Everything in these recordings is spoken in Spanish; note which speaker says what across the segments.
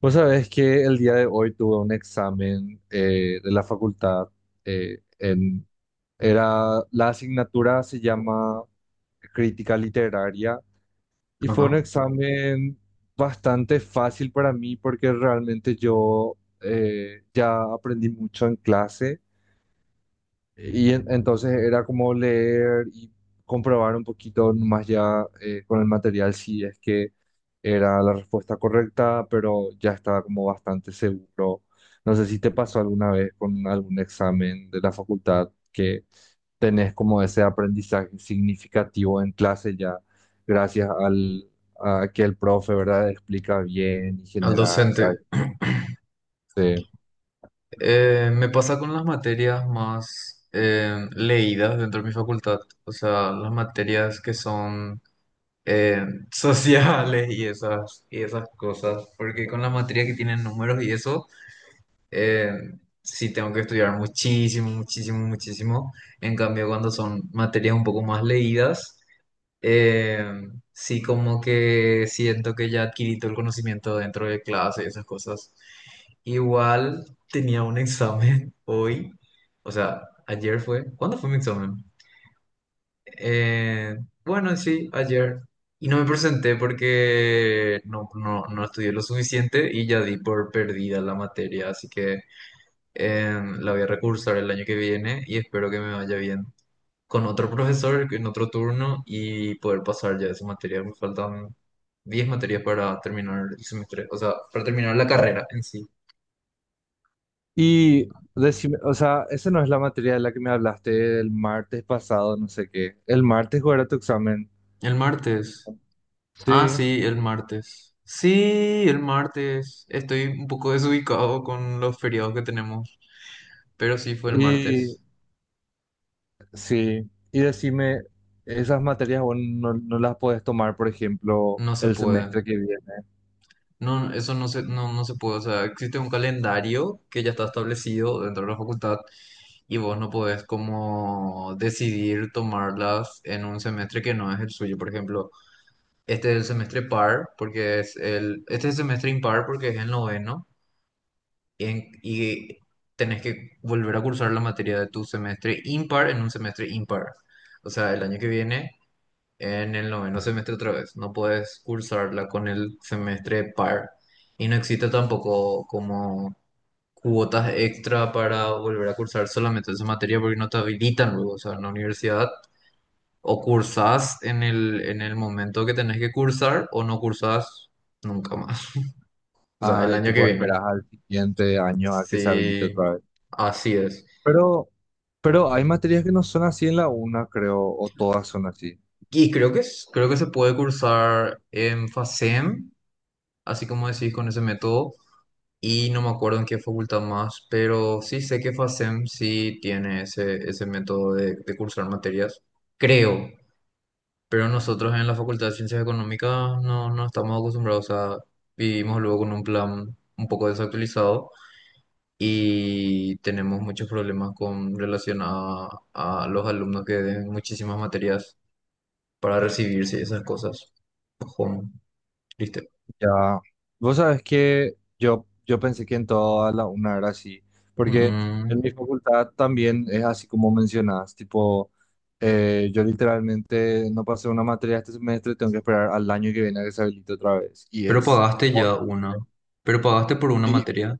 Speaker 1: Vos sabés que el día de hoy tuve un examen de la facultad. eh, en, la asignatura se llama Crítica Literaria y fue un
Speaker 2: Ajá,
Speaker 1: examen bastante fácil para mí porque realmente yo ya aprendí mucho en clase y entonces era como leer y comprobar un poquito más ya, con el material, si es que era la respuesta correcta, pero ya estaba como bastante seguro. No sé si te pasó alguna vez con algún examen de la facultad que tenés como ese aprendizaje significativo en clase ya gracias a que el profe, ¿verdad?, explica bien y
Speaker 2: al
Speaker 1: genera esa...
Speaker 2: docente.
Speaker 1: este,
Speaker 2: Me pasa con las materias más leídas dentro de mi facultad, o sea, las materias que son eh, sociales y esas cosas, porque con las materias que tienen números y eso... eh, sí tengo que estudiar muchísimo, muchísimo, muchísimo. En cambio, cuando son materias un poco más leídas, eh, sí como que siento que ya adquirí todo el conocimiento dentro de clase y esas cosas. Igual tenía un examen hoy, o sea, ayer fue. ¿Cuándo fue mi examen? Eh, bueno, sí, ayer. Y no me presenté porque no, no estudié lo suficiente y ya di por perdida la materia, así que la voy a recursar el año que viene y espero que me vaya bien con otro profesor en otro turno y poder pasar ya esa materia. Me faltan 10 materias para terminar el semestre, o sea, para terminar la carrera en sí.
Speaker 1: Y decime, o sea, esa no es la materia de la que me hablaste el martes pasado, no sé qué. El martes, ¿cuál era tu examen?
Speaker 2: El martes. Ah,
Speaker 1: Sí,
Speaker 2: sí, el martes. Sí, el martes. Estoy un poco desubicado con los feriados que tenemos, pero sí fue el
Speaker 1: y
Speaker 2: martes.
Speaker 1: sí. Y decime, esas materias vos no las podés tomar, por ejemplo,
Speaker 2: No se
Speaker 1: el
Speaker 2: puede.
Speaker 1: semestre que viene.
Speaker 2: No, eso no se, no, no se puede. O sea, existe un calendario que ya está establecido dentro de la facultad y vos no podés como decidir tomarlas en un semestre que no es el suyo. Por ejemplo, este es el semestre par, porque es este es el semestre impar porque es el noveno, y, y tenés que volver a cursar la materia de tu semestre impar en un semestre impar. O sea, el año que viene, en el noveno semestre otra vez, no podés cursarla con el semestre par. Y no existe tampoco como cuotas extra para volver a cursar solamente esa materia porque no te habilitan luego, o sea, en la universidad o cursás en el momento que tenés que cursar o no cursás nunca más, o sea, el
Speaker 1: Ah, y
Speaker 2: año que
Speaker 1: tipo
Speaker 2: viene.
Speaker 1: esperas al siguiente año a que se habilite
Speaker 2: Sí,
Speaker 1: otra vez.
Speaker 2: así es.
Speaker 1: Pero, pero hay materias que no son así en la una, creo, o todas son así.
Speaker 2: Y creo que, creo que se puede cursar en FASEM, así como decís con ese método, y no me acuerdo en qué facultad más, pero sí sé que FASEM sí tiene ese, ese método de cursar materias. Creo. Pero nosotros en la Facultad de Ciencias Económicas no, no estamos acostumbrados, a vivimos luego con un plan un poco desactualizado y tenemos muchos problemas con relación a los alumnos que den muchísimas materias para recibirse y esas cosas. Ojón, triste.
Speaker 1: Ya, vos sabés que yo pensé que en toda la una era así, porque en
Speaker 2: Mm.
Speaker 1: mi facultad también es así como mencionás, tipo, yo literalmente no pasé una materia este semestre, tengo que esperar al año que viene a que se habilite otra vez, y
Speaker 2: Pero
Speaker 1: es,
Speaker 2: pagaste ya una. Pero pagaste por una
Speaker 1: y
Speaker 2: materia.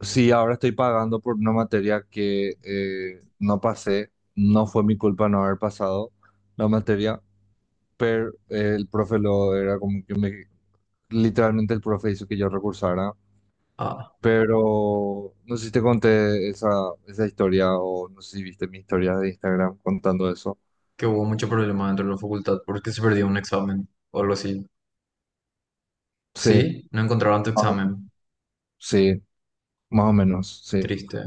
Speaker 1: si ahora estoy pagando por una materia que no pasé, no fue mi culpa no haber pasado la materia, pero el profe lo era como que me, literalmente el profe hizo que yo recursara.
Speaker 2: Ah,
Speaker 1: Pero no sé si te conté esa historia, o no sé si viste mi historia de Instagram contando eso.
Speaker 2: que hubo mucho problema dentro de la facultad porque se perdió un examen o algo así.
Speaker 1: Sí,
Speaker 2: ¿Sí? No encontraron tu
Speaker 1: más o-
Speaker 2: examen.
Speaker 1: sí, más o menos, sí.
Speaker 2: Triste.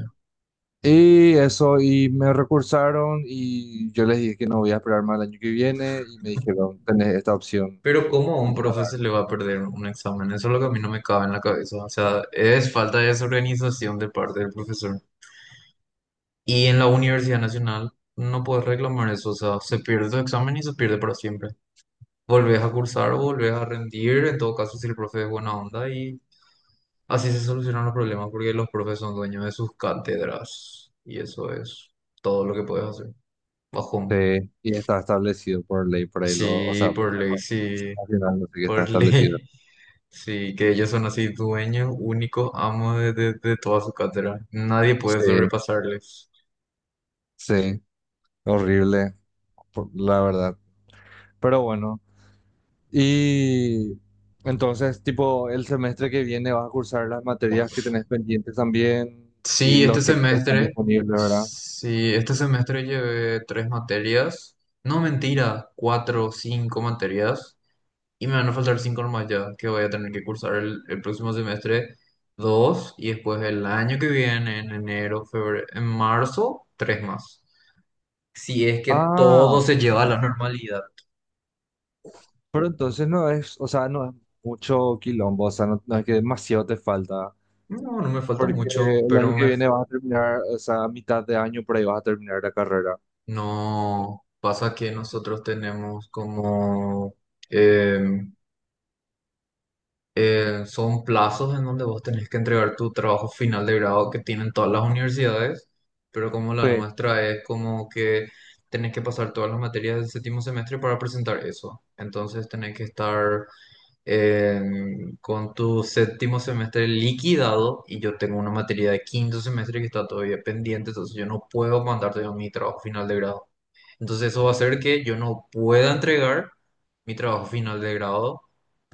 Speaker 1: Y eso, y me recursaron y yo les dije que no voy a esperar más el año que viene, y me dijeron, tenés esta opción.
Speaker 2: Pero ¿cómo a un profe se le va a perder un examen? Eso es lo que a mí no me cabe en la cabeza. O sea, es falta de desorganización de parte del profesor. Y en la Universidad Nacional no puedes reclamar eso. O sea, se pierde tu examen y se pierde para siempre. Volvés a cursar, o volvés a rendir, en todo caso si el profe es buena onda y así se solucionan los problemas porque los profes son dueños de sus cátedras. Y eso es todo lo que puedes hacer.
Speaker 1: Sí,
Speaker 2: Bajón.
Speaker 1: y está establecido por ley, por ahí lo, o
Speaker 2: Sí,
Speaker 1: sea, por
Speaker 2: por
Speaker 1: la
Speaker 2: ley,
Speaker 1: Constitución
Speaker 2: sí,
Speaker 1: nacional, no sé qué está
Speaker 2: por
Speaker 1: establecido.
Speaker 2: ley. Sí, que ellos son así dueños, únicos amos de, de toda su cátedra. Nadie puede
Speaker 1: Sí,
Speaker 2: sobrepasarles.
Speaker 1: sí, horrible, la verdad. Pero bueno. Y entonces, tipo, el semestre que viene vas a cursar las materias que tenés pendientes también, y
Speaker 2: Sí, este
Speaker 1: los que están
Speaker 2: semestre,
Speaker 1: disponibles, ¿verdad?
Speaker 2: sí, este semestre llevé tres materias. No, mentira, cuatro, cinco materias. Y me van a faltar cinco nomás ya, que voy a tener que cursar el próximo semestre dos y después el año que viene, en enero, febrero, en marzo, tres más. Si es que todo
Speaker 1: Ah,
Speaker 2: se lleva a la normalidad.
Speaker 1: pero entonces no es, o sea, no es mucho quilombo, o sea, no es que demasiado te falta,
Speaker 2: No, no me falta
Speaker 1: porque
Speaker 2: mucho,
Speaker 1: el
Speaker 2: pero
Speaker 1: año que
Speaker 2: me...
Speaker 1: viene vas a terminar, o sea, a mitad de año por ahí vas a terminar la carrera.
Speaker 2: No, pasa que nosotros tenemos como, em, son plazos en donde vos tenés que entregar tu trabajo final de grado que tienen todas las universidades, pero como la
Speaker 1: Sí.
Speaker 2: nuestra es como que tenés que pasar todas las materias del séptimo semestre para presentar eso. Entonces tenés que estar con tu séptimo semestre liquidado y yo tengo una materia de quinto semestre que está todavía pendiente, entonces yo no puedo mandarte mi trabajo final de grado. Entonces eso va a hacer que yo no pueda entregar mi trabajo final de grado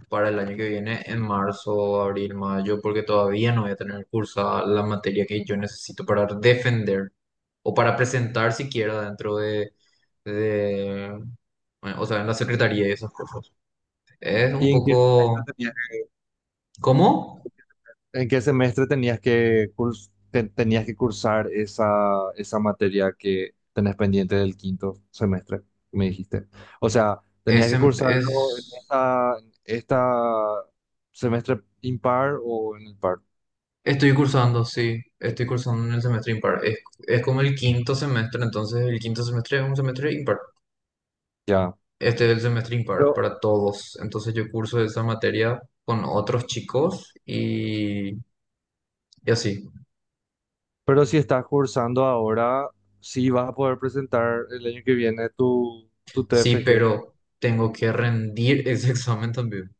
Speaker 2: para el año que viene en marzo, abril, mayo, porque todavía no voy a tener cursada la materia que yo necesito para defender o para presentar siquiera dentro de bueno, o sea, en la secretaría y esas cosas. Es un
Speaker 1: ¿Y en qué
Speaker 2: poco...
Speaker 1: semestre tenías...
Speaker 2: ¿Cómo?
Speaker 1: ¿En qué semestre tenías que, tenías que cursar esa materia que tenés pendiente del quinto semestre? Me dijiste. O sea, tenías
Speaker 2: Es,
Speaker 1: que
Speaker 2: en-
Speaker 1: cursarlo
Speaker 2: es,
Speaker 1: en esta semestre impar o en el par.
Speaker 2: estoy cursando, sí, estoy cursando en el semestre impar. Es como el quinto semestre, entonces el quinto semestre es un semestre impar.
Speaker 1: Ya.
Speaker 2: Este es el semestre impar
Speaker 1: Pero,
Speaker 2: para todos. Entonces yo curso esa materia con otros chicos y así.
Speaker 1: pero si estás cursando ahora, sí vas a poder presentar el año que viene tu
Speaker 2: Sí,
Speaker 1: TFG
Speaker 2: pero tengo que rendir ese examen también.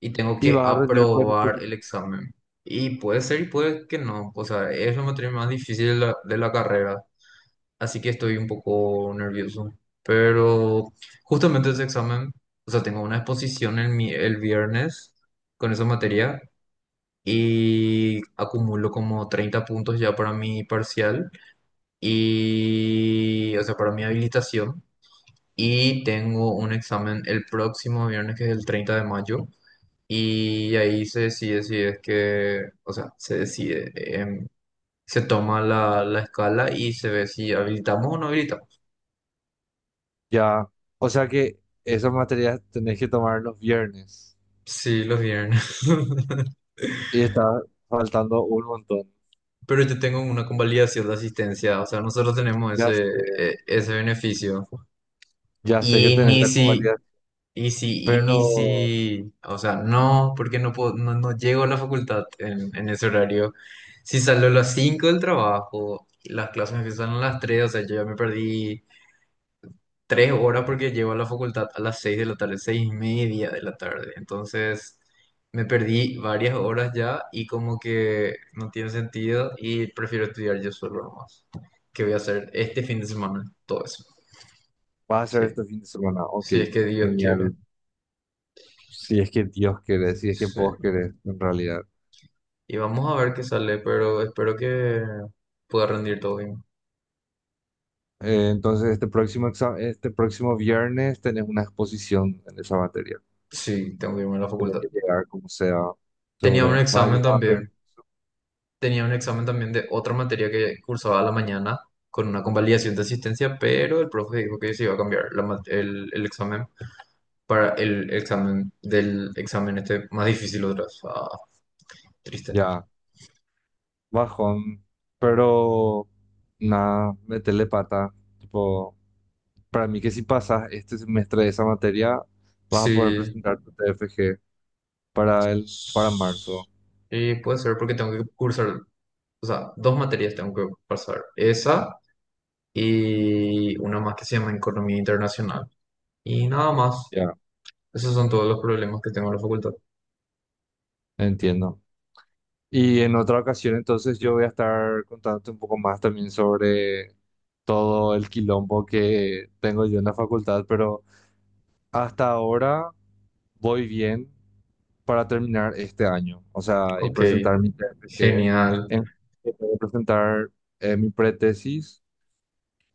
Speaker 2: Y tengo
Speaker 1: y
Speaker 2: que
Speaker 1: vas a rendir con este.
Speaker 2: aprobar el examen. Y puede ser y puede que no. O sea, es la materia más difícil de de la carrera. Así que estoy un poco nervioso. Pero justamente ese examen, o sea, tengo una exposición el viernes con esa materia. Y acumulo como 30 puntos ya para mi parcial y, o sea, para mi habilitación. Y tengo un examen el próximo viernes, que es el 30 de mayo. Y ahí se decide si es que, o sea, se decide, se toma la escala y se ve si habilitamos o no habilitamos.
Speaker 1: Ya. O sea que esas materias tenés que tomar los viernes.
Speaker 2: Sí, los viernes.
Speaker 1: Y está faltando un montón.
Speaker 2: Pero yo tengo una convalidación de asistencia, o sea, nosotros tenemos
Speaker 1: Ya
Speaker 2: ese,
Speaker 1: sé,
Speaker 2: ese beneficio.
Speaker 1: ya sé que
Speaker 2: Y
Speaker 1: tenés
Speaker 2: ni
Speaker 1: la
Speaker 2: si...
Speaker 1: convalida, pero
Speaker 2: O sea, no, porque no puedo, no, no llego a la facultad en ese horario. Si salgo a las 5 del trabajo, las clases empiezan a las 3, o sea, yo ya me perdí 3 horas porque llego a la facultad a las 6 de la tarde, 6 y media de la tarde. Entonces, me perdí varias horas ya y como que no tiene sentido y prefiero estudiar yo solo nomás. Qué voy a hacer este fin de semana, todo eso.
Speaker 1: vas a hacer
Speaker 2: Sí,
Speaker 1: este fin de semana. Ok,
Speaker 2: si es que Dios quiere.
Speaker 1: genial. Si es que Dios quiere, si es que
Speaker 2: Sí.
Speaker 1: vos querés, en realidad.
Speaker 2: Y vamos a ver qué sale, pero espero que pueda rendir todo bien.
Speaker 1: Entonces, este próximo viernes tenés una exposición en esa materia.
Speaker 2: Sí, tengo que irme a la
Speaker 1: Tenés
Speaker 2: facultad.
Speaker 1: que llegar como sea,
Speaker 2: Tenía un
Speaker 1: seguro.
Speaker 2: examen
Speaker 1: Vaya, a ver,
Speaker 2: también. Tenía un examen también de otra materia que cursaba a la mañana con una convalidación de asistencia, pero el profe dijo que se iba a cambiar el examen para el examen del examen este más difícil otra vez. Ah, triste.
Speaker 1: ya, bajón. Pero, nada, metele pata. Tipo. Para mí que si pasas este semestre de esa materia, vas a poder
Speaker 2: Sí.
Speaker 1: presentar tu TFG para el, para marzo.
Speaker 2: Y puede ser porque tengo que cursar, o sea, dos materias tengo que pasar. Esa. Y una más que se llama Economía Internacional. Y nada más.
Speaker 1: Ya,
Speaker 2: Esos son todos los problemas que tengo en la facultad.
Speaker 1: entiendo. Y en otra ocasión, entonces, yo voy a estar contándote un poco más también sobre todo el quilombo que tengo yo en la facultad, pero hasta ahora voy bien para terminar este año, o sea, y
Speaker 2: Ok,
Speaker 1: presentar mi TFG,
Speaker 2: genial.
Speaker 1: en, que tengo que presentar, mi pretesis.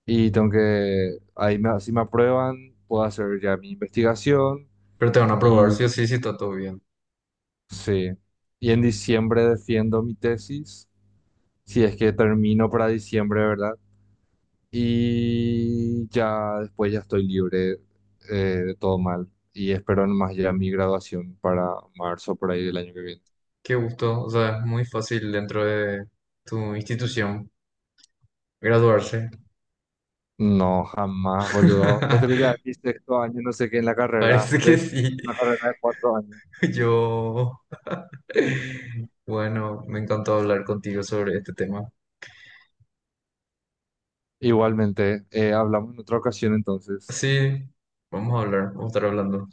Speaker 1: Y tengo que, si me aprueban, puedo hacer ya mi investigación.
Speaker 2: Pero te van a aprobar sí o
Speaker 1: Y
Speaker 2: sí si está todo bien.
Speaker 1: sí. Y en diciembre defiendo mi tesis, si es que termino para diciembre, ¿verdad? Y ya después ya estoy libre, de todo mal. Y espero nomás ya mi graduación para marzo, por ahí del año que viene.
Speaker 2: Qué gusto. O sea, es muy fácil dentro de tu institución graduarse.
Speaker 1: No, jamás, boludo. Esto que ya es mi sexto año, no sé qué, en la carrera,
Speaker 2: Parece que
Speaker 1: de, y
Speaker 2: sí.
Speaker 1: una carrera de cuatro años.
Speaker 2: Yo. Bueno, me encantó hablar contigo sobre este tema.
Speaker 1: Igualmente, hablamos en otra ocasión entonces.
Speaker 2: Sí, vamos a hablar, vamos a estar hablando.